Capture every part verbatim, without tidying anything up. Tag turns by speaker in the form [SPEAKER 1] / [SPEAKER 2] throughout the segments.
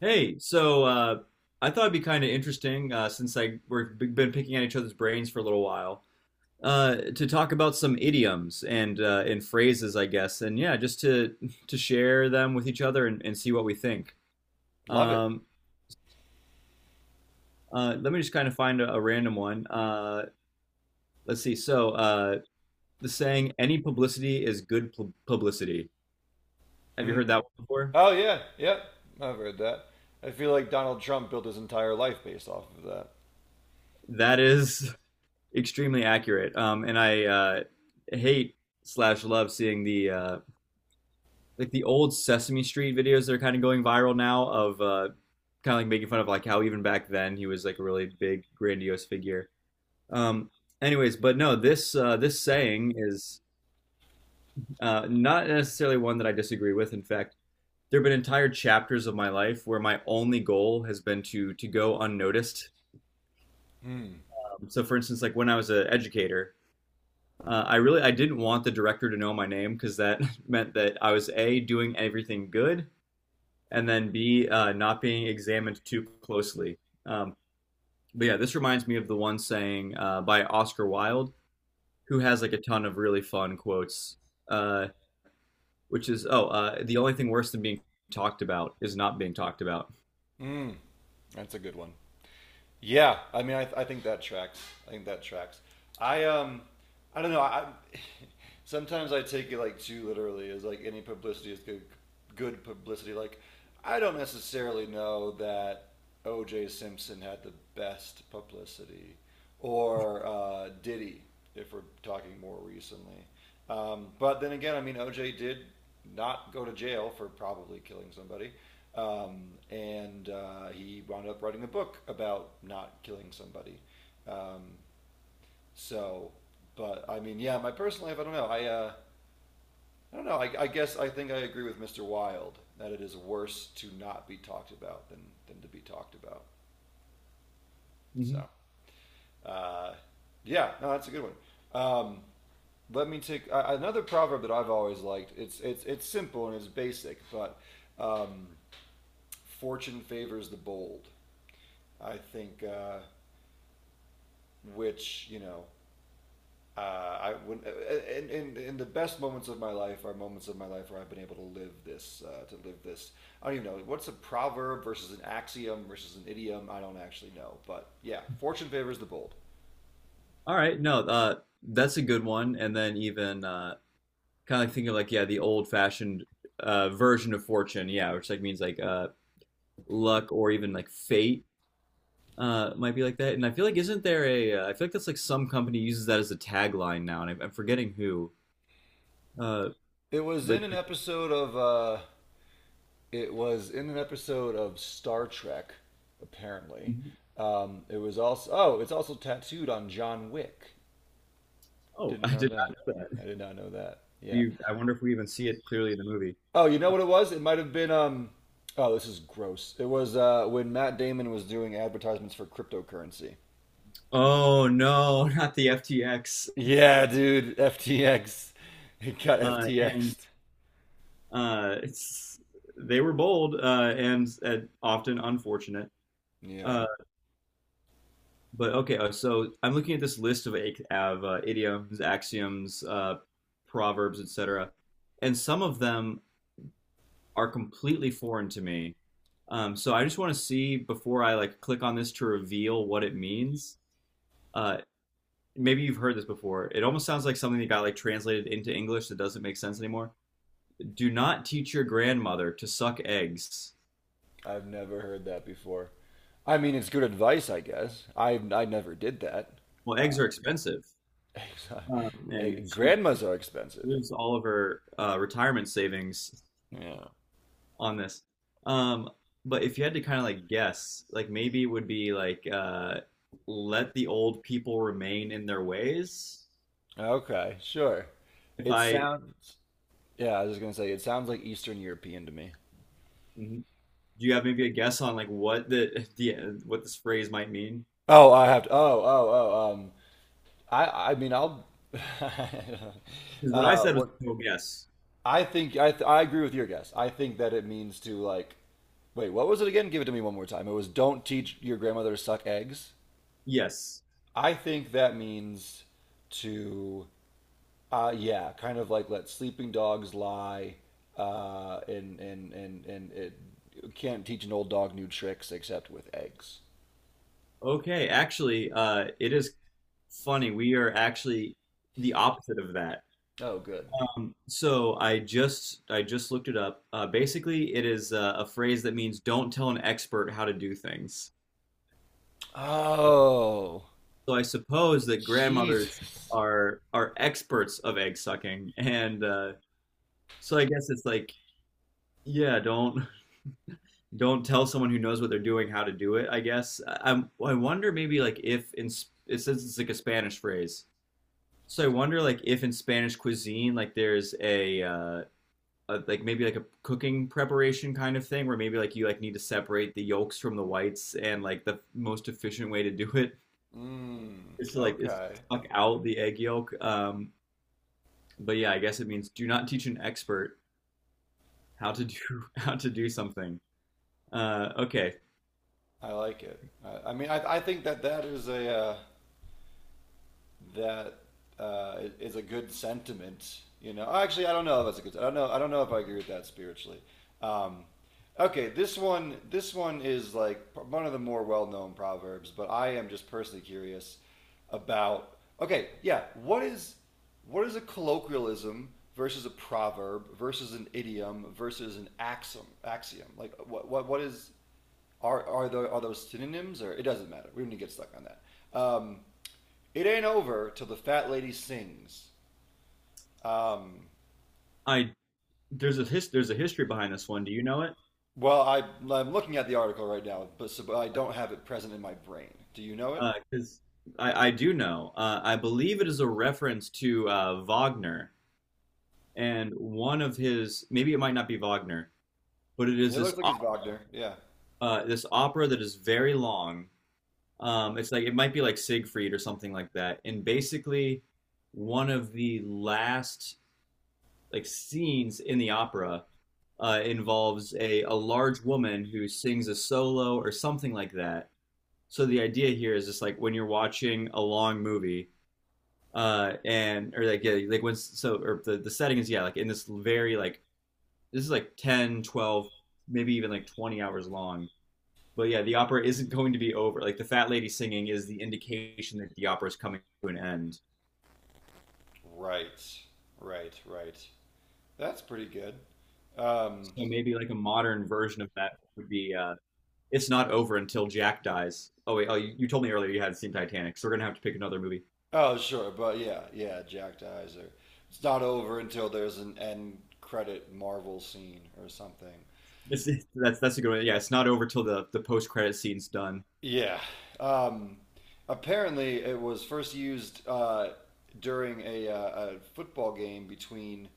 [SPEAKER 1] Hey, so uh, I thought it'd be kind of interesting uh, since I we've been picking at each other's brains for a little while uh, to talk about some idioms and uh, and phrases, I guess, and yeah, just to to share them with each other and, and see what we think.
[SPEAKER 2] Love it.
[SPEAKER 1] Um, uh, Let me just kind of find a, a random one. Uh, let's see. So uh, the saying, "Any publicity is good pub publicity." Have you heard
[SPEAKER 2] Hmm.
[SPEAKER 1] that one before?
[SPEAKER 2] Oh yeah, yep. I've heard that. I feel like Donald Trump built his entire life based off of that.
[SPEAKER 1] That is extremely accurate, um, and I uh, hate slash love seeing the uh, like the old Sesame Street videos that are kind of going viral now of uh, kind of like making fun of like how even back then he was like a really big grandiose figure. Um, anyways, but no, this uh, this saying is uh, not necessarily one that I disagree with. In fact, there have been entire chapters of my life where my only goal has been to to go unnoticed.
[SPEAKER 2] Hmm.
[SPEAKER 1] Um, so, for instance, like when I was an educator, uh, I really I didn't want the director to know my name because that meant that I was a doing everything good, and then B, uh, not being examined too closely. Um, but yeah, this reminds me of the one saying uh, by Oscar Wilde, who has like a ton of really fun quotes, uh, which is, "Oh, uh, the only thing worse than being talked about is not being talked about."
[SPEAKER 2] Hmm. That's a good one. Yeah, I mean, I, th- I think that tracks. I think that tracks. I um, I don't know. I sometimes I take it like too literally. As like any publicity is good, good publicity. Like I don't necessarily know that O J. Simpson had the best publicity, or uh, Diddy, if we're talking more recently. Um, but then again, I mean, O J did not go to jail for probably killing somebody. Um, and uh, He wound up writing a book about not killing somebody. Um, so, but I mean, yeah, my personal life, I don't know. I, uh, I don't know. I, I guess I think I agree with mister Wilde that it is worse to not be talked about than, than, to be talked about.
[SPEAKER 1] Mhm.
[SPEAKER 2] So, uh, yeah, no, that's a good one. Um, Let me take uh, another proverb that I've always liked. It's it's it's simple and it's basic, but um, fortune favors the bold. I think uh, which you know uh, I would and, and and the best moments of my life are moments of my life where I've been able to live this uh, to live this. I don't even know what's a proverb versus an axiom versus an idiom. I don't actually know, but yeah, fortune favors the bold.
[SPEAKER 1] All right, no, uh, that's a good one. And then even uh, kind of like thinking like, yeah, the old-fashioned uh, version of fortune, yeah, which like means like uh, luck or even like fate uh might be like that. And I feel like isn't there a uh, I feel like that's like some company uses that as a tagline now, and I, I'm forgetting who. Uh,
[SPEAKER 2] It was
[SPEAKER 1] but
[SPEAKER 2] in an
[SPEAKER 1] like,
[SPEAKER 2] episode of uh, it was in an episode of Star Trek apparently.
[SPEAKER 1] mhm.
[SPEAKER 2] Um, it was also, oh, it's also tattooed on John Wick.
[SPEAKER 1] Oh,
[SPEAKER 2] Didn't
[SPEAKER 1] I
[SPEAKER 2] know
[SPEAKER 1] did
[SPEAKER 2] that.
[SPEAKER 1] not know that.
[SPEAKER 2] I did not know that,
[SPEAKER 1] Do
[SPEAKER 2] yeah.
[SPEAKER 1] you, I wonder if we even see it clearly in the movie.
[SPEAKER 2] Oh, you know what it was? It might have been. Um, oh, this is gross. It was uh, when Matt Damon was doing advertisements for cryptocurrency.
[SPEAKER 1] Oh no, not the F T X.
[SPEAKER 2] Yeah, dude, F T X. It got
[SPEAKER 1] Uh, and
[SPEAKER 2] FTXed.
[SPEAKER 1] uh, it's they were bold uh, and, and often unfortunate.
[SPEAKER 2] Yeah,
[SPEAKER 1] Uh, but okay, uh, so I'm looking at this list of, ac- of uh, idioms, axioms, uh, proverbs, et cetera. And some of them are completely foreign to me. Um, so I just want to see before I like click on this to reveal what it means. Uh, Maybe you've heard this before. It almost sounds like something that got like translated into English that doesn't make sense anymore. Do not teach your grandmother to suck eggs.
[SPEAKER 2] I've never heard that before. I mean, it's good advice, I guess. I I never did that.
[SPEAKER 1] Well, eggs are expensive,
[SPEAKER 2] Uh,
[SPEAKER 1] um,
[SPEAKER 2] eh,
[SPEAKER 1] and she
[SPEAKER 2] grandmas are expensive.
[SPEAKER 1] lose all of her uh, retirement savings
[SPEAKER 2] Yeah.
[SPEAKER 1] on this. Um, but if you had to kind of like guess, like maybe it would be like uh, let the old people remain in their ways.
[SPEAKER 2] Okay, sure.
[SPEAKER 1] If
[SPEAKER 2] It
[SPEAKER 1] I,
[SPEAKER 2] sounds. Yeah, I was just gonna say it sounds like Eastern European to me.
[SPEAKER 1] do you have maybe a guess on like what the the what this phrase might mean?
[SPEAKER 2] Oh, I have to. Oh, oh, oh. Um, I I mean I'll
[SPEAKER 1] Because what I
[SPEAKER 2] uh,
[SPEAKER 1] said was
[SPEAKER 2] what
[SPEAKER 1] no guess.
[SPEAKER 2] I think I th- I agree with your guess. I think that it means to like, wait, what was it again? Give it to me one more time. It was don't teach your grandmother to suck eggs.
[SPEAKER 1] Yes.
[SPEAKER 2] I think that means to uh, yeah, kind of like let sleeping dogs lie, uh, and and and and it, you can't teach an old dog new tricks except with eggs.
[SPEAKER 1] Okay. Actually, uh, it is funny. We are actually the opposite of that.
[SPEAKER 2] Oh, good.
[SPEAKER 1] Um, so I just I just looked it up. Uh, basically, it is uh, a phrase that means "don't tell an expert how to do things."
[SPEAKER 2] Oh,
[SPEAKER 1] So I suppose that grandmothers
[SPEAKER 2] Jesus.
[SPEAKER 1] are are experts of egg sucking, and uh, so I guess it's like, yeah, don't don't tell someone who knows what they're doing how to do it, I guess. I, i wonder maybe like if in Sp- it says it's like a Spanish phrase. So I wonder like if in Spanish cuisine like there's a uh a, like maybe like a cooking preparation kind of thing where maybe like you like need to separate the yolks from the whites and like the most efficient way to do it
[SPEAKER 2] Mm,
[SPEAKER 1] is to like is
[SPEAKER 2] okay.
[SPEAKER 1] suck out the egg yolk. Um but yeah, I guess it means do not teach an expert how to do how to do something. Uh okay.
[SPEAKER 2] I like it. I, I mean, I, I think that that is a uh, that uh, is a good sentiment. You know, oh, actually, I don't know if that's a good. I don't know. I don't know if I agree with that spiritually. Um, okay, this one. This one is like one of the more well-known proverbs, but I am just personally curious about. Okay, yeah. What is, what is a colloquialism versus a proverb versus an idiom versus an axiom? Axiom. Like, what what what is, are are there, are those synonyms, or it doesn't matter. We don't need to get stuck on that. Um, it ain't over till the fat lady sings. Um,
[SPEAKER 1] I there's a his, there's a history behind this one. Do you know it?
[SPEAKER 2] well, I, I'm looking at the article right now, but, so, but I don't have it present in my brain. Do you know it?
[SPEAKER 1] Because I, I do know. Uh, I believe it is a reference to uh, Wagner and one of his. Maybe it might not be Wagner, but it is
[SPEAKER 2] It
[SPEAKER 1] this
[SPEAKER 2] looks like
[SPEAKER 1] op-
[SPEAKER 2] it's Wagner. Yeah.
[SPEAKER 1] uh, this opera that is very long. Um, it's like it might be like Siegfried or something like that. And basically, one of the last like scenes in the opera uh, involves a a large woman who sings a solo or something like that. So the idea here is just like when you're watching a long movie, uh, and or like yeah, like when so or the the setting is yeah, like in this very like this is like ten, twelve, maybe even like twenty hours long. But yeah, the opera isn't going to be over. Like the fat lady singing is the indication that the opera is coming to an end.
[SPEAKER 2] Right. Right. Right. That's pretty good. Um,
[SPEAKER 1] So maybe like a modern version of that would be uh, it's not over until Jack dies. Oh wait, oh you, you told me earlier you hadn't seen Titanic, so we're gonna have to pick another movie.
[SPEAKER 2] oh, sure. But yeah, yeah. Jack dies, or it's not over until there's an end credit Marvel scene or something.
[SPEAKER 1] It's, it's- that's that's a good one. Yeah, it's not over till the the post credit scene's done.
[SPEAKER 2] Yeah. Um, Apparently, it was first used uh, during a, uh, a football game between,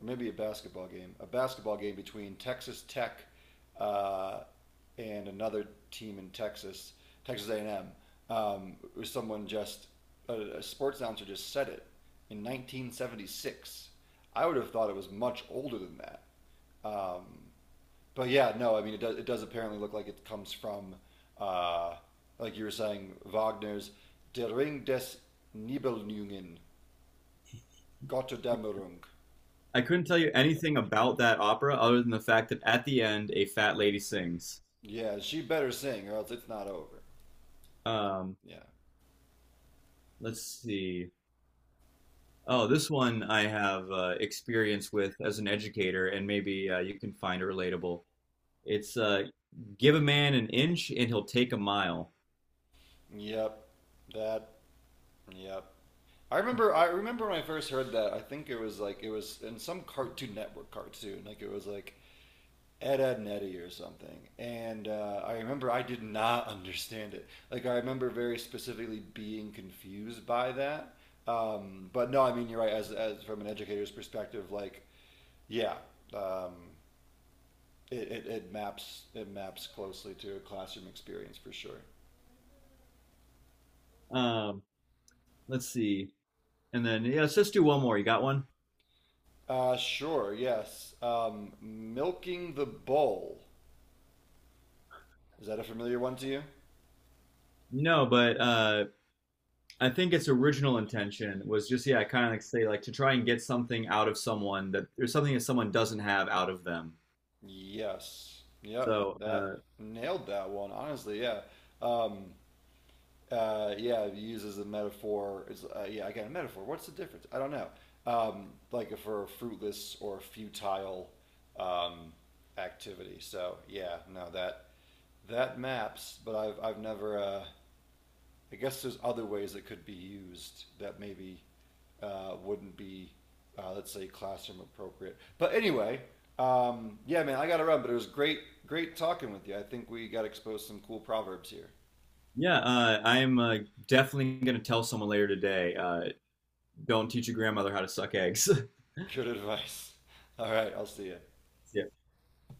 [SPEAKER 2] or maybe a basketball game, a basketball game between Texas Tech uh, and another team in Texas, Texas A and M. Um, it was someone just a, a sports announcer just said it in nineteen seventy-six. I would have thought it was much older than that. Um, but yeah, no, I mean, it does, it does apparently look like it comes from, uh, like you were saying, Wagner's Der Ring des Nibelungen, Gotterdammerung.
[SPEAKER 1] I couldn't tell you anything about that opera other than the fact that at the end a fat lady sings.
[SPEAKER 2] Yeah, she better sing or else it's not over.
[SPEAKER 1] Um,
[SPEAKER 2] Yeah.
[SPEAKER 1] let's see. Oh, this one I have uh, experience with as an educator, and maybe uh, you can find it relatable. It's uh, give a man an inch and he'll take a mile.
[SPEAKER 2] Yep. That. Yep. I remember. I remember when I first heard that. I think it was like it was in some Cartoon Network cartoon. Like it was like Ed, Ed, and Eddie or something. And uh, I remember I did not understand it. Like, I remember very specifically being confused by that. Um, but no, I mean, you're right. As, as from an educator's perspective, like, yeah, um, it, it, it maps, it maps closely to a classroom experience for sure.
[SPEAKER 1] Um, let's see. And then, yeah, let's just do one more. You got one?
[SPEAKER 2] Uh, sure, yes. Um, milking the bowl. Is that a familiar one to you?
[SPEAKER 1] No, but uh, I think its original intention was just, yeah, kind of like say, like to try and get something out of someone that there's something that someone doesn't have out of them.
[SPEAKER 2] Yes. Yep.
[SPEAKER 1] So,
[SPEAKER 2] That
[SPEAKER 1] uh,
[SPEAKER 2] nailed that one. Honestly, yeah. Um, uh, yeah, uses a metaphor. It's, uh, yeah, again, a metaphor. What's the difference? I don't know. Um, like for fruitless or futile um, activity. So yeah, no, that, that maps. But I've I've never. Uh, I guess there's other ways it could be used that maybe uh, wouldn't be, uh, let's say, classroom appropriate. But anyway, um, yeah, man, I got to run. But it was great, great talking with you. I think we got exposed to some cool proverbs here.
[SPEAKER 1] yeah, uh, I am uh, definitely going to tell someone later today. Uh, don't teach your grandmother how to suck eggs. See
[SPEAKER 2] Good advice. All right, I'll see you.
[SPEAKER 1] ya.